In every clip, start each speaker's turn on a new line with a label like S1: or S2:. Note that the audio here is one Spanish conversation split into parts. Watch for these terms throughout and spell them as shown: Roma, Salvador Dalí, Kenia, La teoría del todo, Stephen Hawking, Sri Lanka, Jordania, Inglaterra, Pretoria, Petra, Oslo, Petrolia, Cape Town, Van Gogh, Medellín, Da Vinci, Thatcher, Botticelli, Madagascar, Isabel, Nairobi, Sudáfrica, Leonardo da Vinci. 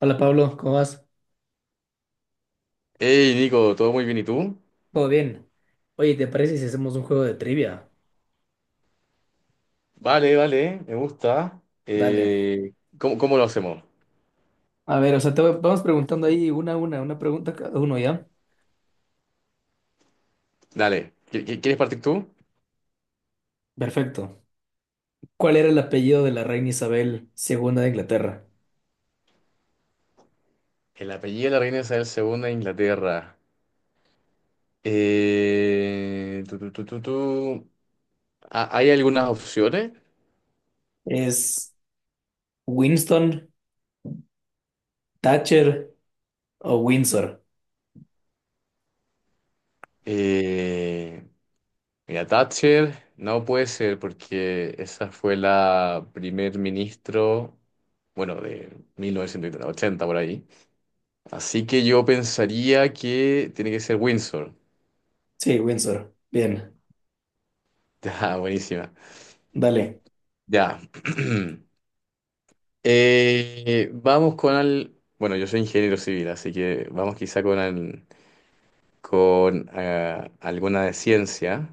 S1: Hola Pablo, ¿cómo vas?
S2: Hey Nico, ¿todo muy bien y tú?
S1: ¿Todo bien? Oye, ¿te parece si hacemos un juego de trivia?
S2: Vale, vale, me gusta.
S1: Dale.
S2: Eh, ¿cómo lo hacemos?
S1: A ver, o sea, vamos preguntando ahí una a una, una pregunta cada uno, ¿ya?
S2: Dale, ¿quieres partir tú?
S1: Perfecto. ¿Cuál era el apellido de la reina Isabel segunda de Inglaterra?
S2: El apellido de la reina Isabel segunda de Inglaterra. Tu, tu, tu, tu, tu. Ah, ¿hay algunas opciones?
S1: ¿Es Winston, Thatcher o Windsor?
S2: Eh, mira, Thatcher no puede ser porque esa fue la primer ministro, bueno, de 1980 por ahí. Así que yo pensaría que tiene que ser Windsor.
S1: Sí, Windsor. Bien,
S2: Ya, buenísima.
S1: dale.
S2: Ya. Bueno, yo soy ingeniero civil, así que vamos quizá con alguna de ciencia.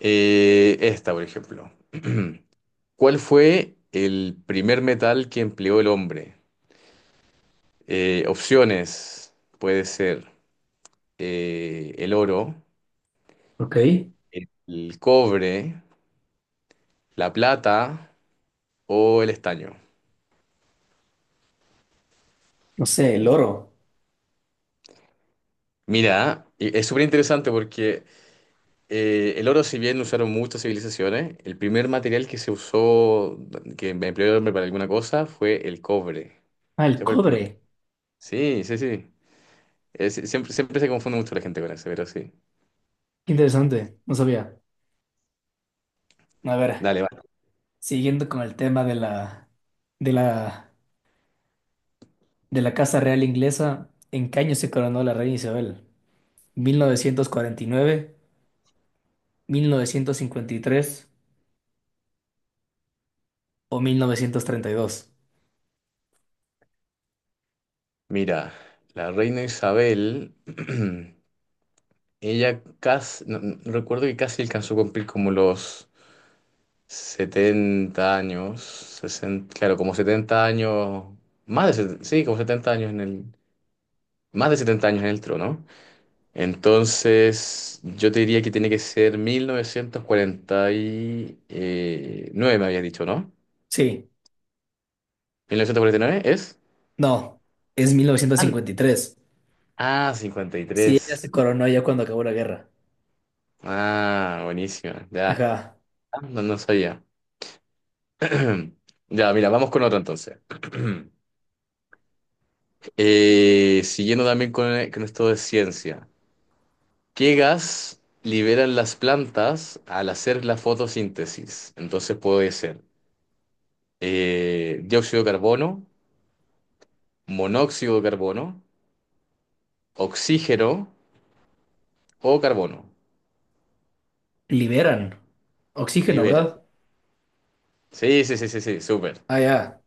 S2: Esta, por ejemplo. ¿Cuál fue el primer metal que empleó el hombre? Opciones. Puede ser el oro,
S1: Ok.
S2: el cobre, la plata o el estaño.
S1: No sé, el oro.
S2: Mira, y es súper interesante porque el oro, si bien lo usaron muchas civilizaciones, el primer material que se usó, que empleó el hombre para alguna cosa, fue el cobre.
S1: Ah, el
S2: Ese fue el primero.
S1: cobre.
S2: Sí, sí, sí. Siempre, siempre se confunde mucho la gente con eso, pero sí.
S1: Qué interesante, no sabía. A ver,
S2: Dale, va.
S1: siguiendo con el tema de la, de la Casa Real Inglesa, ¿en qué año se coronó la reina Isabel? ¿1949, 1953 o 1932?
S2: Mira, la reina Isabel, ella casi, no recuerdo que casi alcanzó a cumplir como los 70 años, 60, claro, como 70 años, más de, 70, sí, como 70 años en el, más de 70 años en el trono. Entonces, yo te diría que tiene que ser 1949 me habías dicho, ¿no?
S1: Sí,
S2: Mil novecientos cuarenta y nueve es?
S1: no, es
S2: Al-
S1: 1953.
S2: Ah, cincuenta y
S1: Sí, ella se
S2: tres
S1: coronó ya cuando acabó la guerra.
S2: Ah, buenísima. Ya,
S1: Ajá,
S2: no, no sabía. Ya, mira, vamos con otro entonces. Siguiendo también con esto de ciencia. ¿Qué gas liberan las plantas al hacer la fotosíntesis? Entonces puede ser dióxido de carbono, monóxido de carbono, oxígeno o carbono.
S1: liberan oxígeno,
S2: Libera.
S1: ¿verdad?
S2: Sí, sí, sí, sí, sí, súper.
S1: Ah, ya,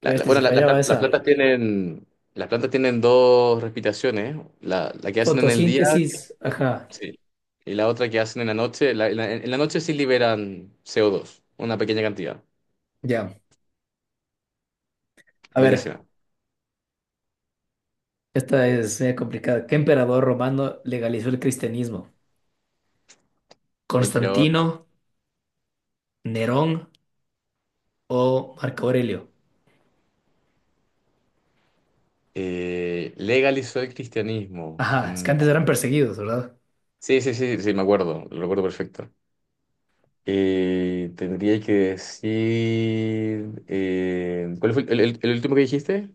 S2: La-
S1: que
S2: la-
S1: este
S2: bueno,
S1: si
S2: la- las
S1: fallaba
S2: las
S1: esa.
S2: plantas tienen, las plantas tienen dos respiraciones. La que hacen en el día,
S1: Fotosíntesis, ajá,
S2: sí, y la otra que hacen en la noche. En la noche sí liberan CO2, una pequeña cantidad.
S1: ya. A ver,
S2: Buenísima.
S1: esta es media complicada. ¿Qué emperador romano legalizó el cristianismo?
S2: Qué inspirador.
S1: ¿Constantino, Nerón o Marco Aurelio?
S2: Legalizó el cristianismo.
S1: Ajá, es que
S2: Mm.
S1: antes eran perseguidos, ¿verdad?
S2: Sí, sí, sí, sí, me acuerdo, lo recuerdo perfecto. Tendría que decir, ¿cuál fue el último que dijiste?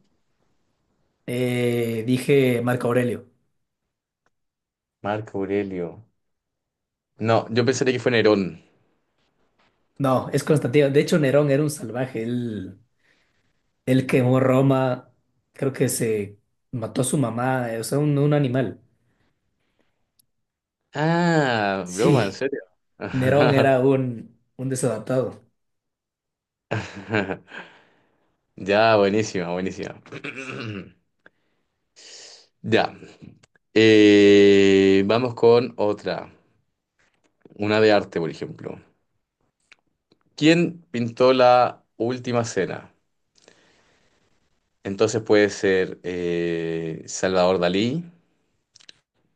S1: Dije Marco Aurelio.
S2: Marco Aurelio. No, yo pensaría que fue Nerón.
S1: No, es Constantino. De hecho, Nerón era un salvaje. Él quemó Roma. Creo que se mató a su mamá, o sea, un animal.
S2: Ah, broma, ¿en
S1: Sí,
S2: serio?
S1: Nerón era un desadaptado.
S2: Ya, buenísima, buenísima. Ya. Vamos con otra. Una de arte, por ejemplo. ¿Quién pintó la última cena? Entonces puede ser Salvador Dalí,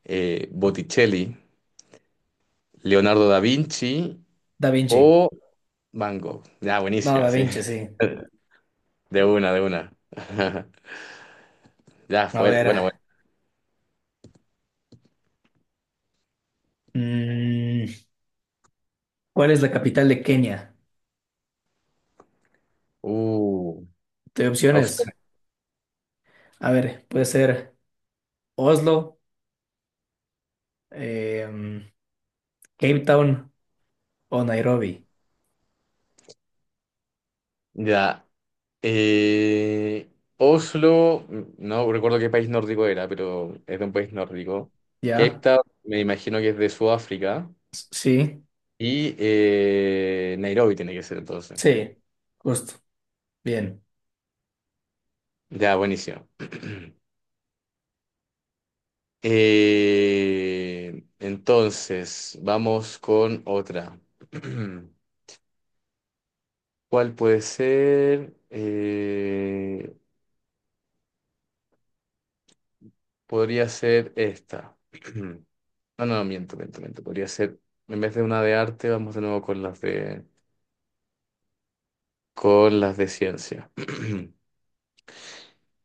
S2: Botticelli, Leonardo da Vinci
S1: Da Vinci.
S2: o Van Gogh. Ya,
S1: No,
S2: buenísima,
S1: Da
S2: sí.
S1: Vinci, sí.
S2: De una, de una. Ya,
S1: A
S2: fue, bueno, bueno.
S1: ver. mm, ¿Cuál es la capital de Kenia?
S2: Uh,
S1: Te doy opciones.
S2: opciones.
S1: A ver, puede ser Oslo, em, Cape Town o Nairobi.
S2: Ya. Eh, Oslo, no recuerdo qué país nórdico era, pero es de un país nórdico. Cape
S1: Ya,
S2: Town, me imagino que es de Sudáfrica.
S1: Sí,
S2: Y Nairobi tiene que ser entonces.
S1: sí, justo, bien.
S2: Ya, buenísimo. Entonces, vamos con otra. ¿Cuál puede ser? Podría ser esta. No, no, miento, miento, miento. Podría ser, en vez de una de arte, vamos de nuevo con las de ciencia.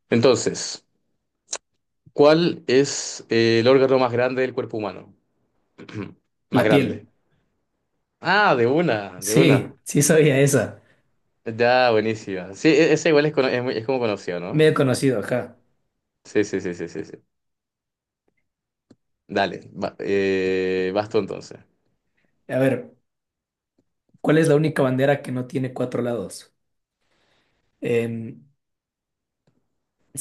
S2: Entonces, ¿cuál es el órgano más grande del cuerpo humano? Más
S1: La piel,
S2: grande. Ah, de una, de una.
S1: sí, sí sabía esa.
S2: Ya, buenísima. Sí, ese igual es, es como conocido, ¿no?
S1: Medio conocido, ajá.
S2: Sí, sí, sí, sí, sí, sí. Dale, vas tú entonces.
S1: A ver, ¿cuál es la única bandera que no tiene cuatro lados? Em,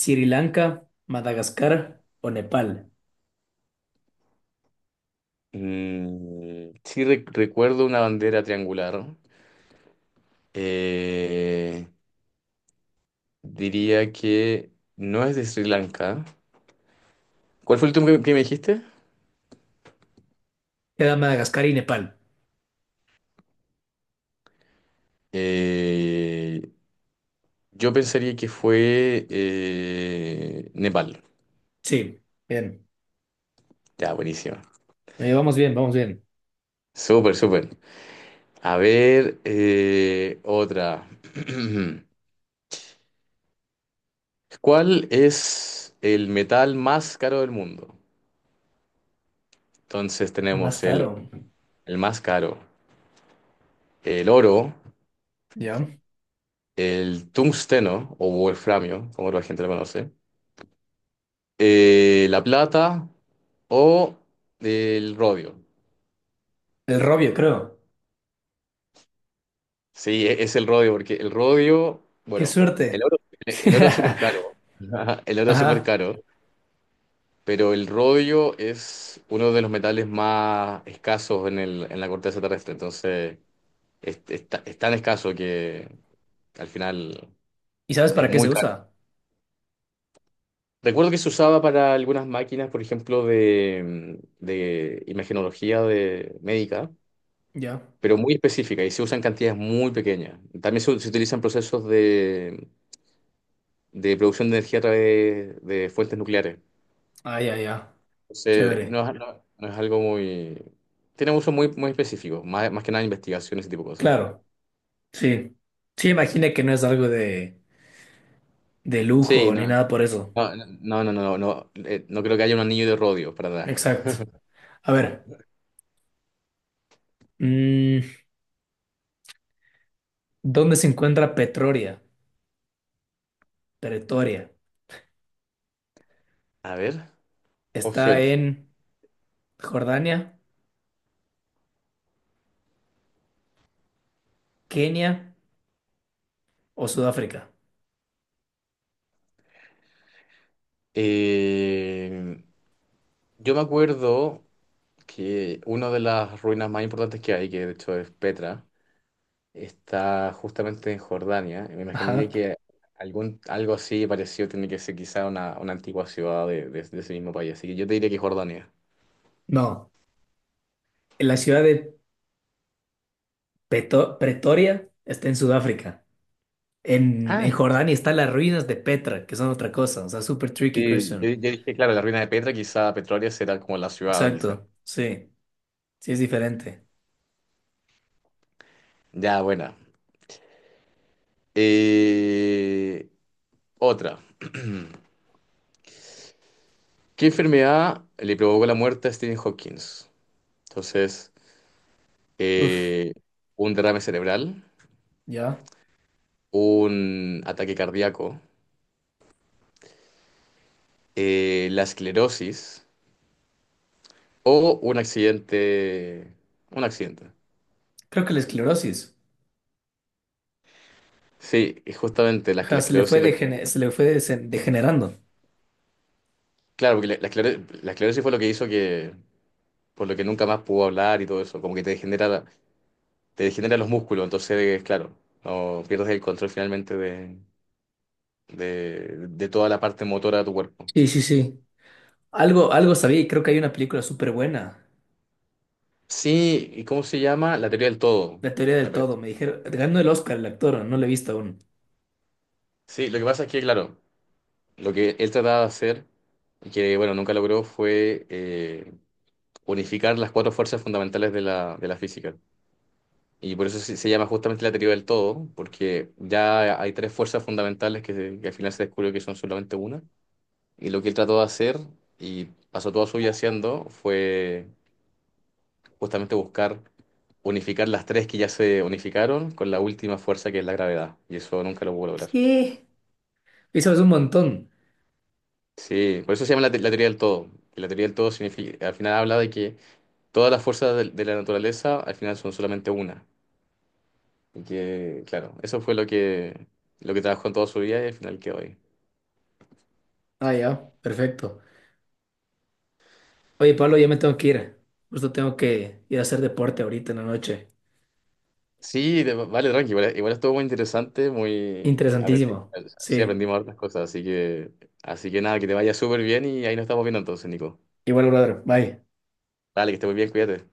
S1: Sri Lanka, Madagascar o Nepal.
S2: Mm, sí, recuerdo una bandera triangular. Eh, diría que no es de Sri Lanka. ¿Cuál fue el último que me dijiste?
S1: Queda Madagascar y Nepal.
S2: Eh, yo pensaría que fue Nepal.
S1: Sí, bien.
S2: Ya, buenísimo.
S1: Vamos bien, vamos bien.
S2: Súper, súper. A ver, otra. ¿Cuál es el metal más caro del mundo? Entonces
S1: Más
S2: tenemos el,
S1: caro.
S2: el más caro, el oro.
S1: Ya.
S2: El tungsteno o wolframio, como la gente lo conoce, la plata o el rodio.
S1: El robio, creo.
S2: Sí, es el rodio, porque el rodio,
S1: Qué
S2: bueno, el
S1: suerte.
S2: oro, el oro es súper caro, el oro es súper
S1: Ajá.
S2: caro, pero el rodio es uno de los metales más escasos en en la corteza terrestre, entonces es tan escaso que al final
S1: ¿Y sabes
S2: es
S1: para qué
S2: muy
S1: se
S2: caro.
S1: usa?
S2: Recuerdo que se usaba para algunas máquinas, por ejemplo, de imagenología de médica,
S1: Ya.
S2: pero muy específica y se usan cantidades muy pequeñas. También se utilizan procesos de producción de energía a través de fuentes nucleares.
S1: Ah, ya, ya.
S2: Entonces,
S1: Chévere.
S2: no, es no es algo muy... Tiene un uso muy, muy específico, más, más que nada investigación, ese tipo de cosas.
S1: Claro. Sí, sí, imagina que no es algo de
S2: Sí,
S1: lujo ni
S2: no,
S1: nada por eso.
S2: no, no, no, no, no, no, no creo que haya un anillo de rodio para nada.
S1: Exacto. A ver, mm, ¿dónde se encuentra Petroria? Pretoria.
S2: A ver,
S1: ¿Está
S2: opciones.
S1: en Jordania, Kenia o Sudáfrica?
S2: Eh, yo me acuerdo... que una de las ruinas más importantes que hay, que de hecho es Petra, está justamente en Jordania. Y me imaginaría
S1: Ajá.
S2: que algo así parecido tiene que ser quizá una antigua ciudad de ese mismo país. Así que yo te diría que Jordania.
S1: No, la ciudad de Pretoria está en Sudáfrica. En
S2: Ah,
S1: Jordania están las ruinas de Petra, que son otra cosa. O sea, super tricky
S2: sí, yo,
S1: question.
S2: yo dije, claro, la ruina de Petra, quizá Petrolia será como la ciudad, quizá.
S1: Exacto, sí, sí es diferente.
S2: Ya, buena. Eh, otra. ¿Qué enfermedad le provocó la muerte a Stephen Hawking? Entonces,
S1: Uf,
S2: eh, un derrame cerebral,
S1: ya.
S2: un ataque cardíaco, la esclerosis o un accidente. Un accidente.
S1: Creo que la esclerosis.
S2: Sí, y justamente la,
S1: Ajá,
S2: la
S1: se le fue,
S2: esclerosis. lo que-
S1: degene- se le fue desen- degenerando.
S2: claro, porque la esclerosis fue lo que hizo que. Por lo que nunca más pudo hablar y todo eso. Como que te degenera, te degenera los músculos. Entonces, claro, no pierdes el control finalmente de toda la parte motora de tu cuerpo.
S1: Sí, sí, sí. Algo, algo sabía y creo que hay una película súper buena.
S2: Sí, ¿y cómo se llama? La teoría del todo,
S1: La teoría del
S2: me
S1: todo.
S2: parece.
S1: Me dijeron, ganó el Oscar el actor, no lo he visto aún.
S2: Sí, lo que pasa es que, claro. Lo que él trataba de hacer, y que bueno, nunca logró, fue unificar las cuatro fuerzas fundamentales de la física. Y por eso se llama justamente la teoría del todo, porque ya hay tres fuerzas fundamentales que, que al final se descubrió que son solamente una. Y lo que él trató de hacer, y pasó toda su vida haciendo, fue justamente buscar unificar las tres que ya se unificaron con la última fuerza que es la gravedad. Y eso nunca lo pudo lograr.
S1: ¿Qué? Y sabes un montón.
S2: Sí, por eso se llama la teoría del todo. La teoría del todo significa, al final habla de que todas las fuerzas de la naturaleza al final son solamente una. Y que, claro, eso fue lo que trabajó en toda su vida y al final quedó ahí.
S1: Ah, ya, perfecto. Oye, Pablo, ya me tengo que ir. Justo tengo que ir a hacer deporte ahorita en la noche.
S2: Sí, vale, tranqui, igual, igual estuvo muy interesante, muy...
S1: Interesantísimo.
S2: sí,
S1: Sí.
S2: aprendimos hartas cosas, así que, nada, que te vaya súper bien y ahí nos estamos viendo entonces, Nico.
S1: Igual, brother. Bye.
S2: Dale, que estés muy bien, cuídate.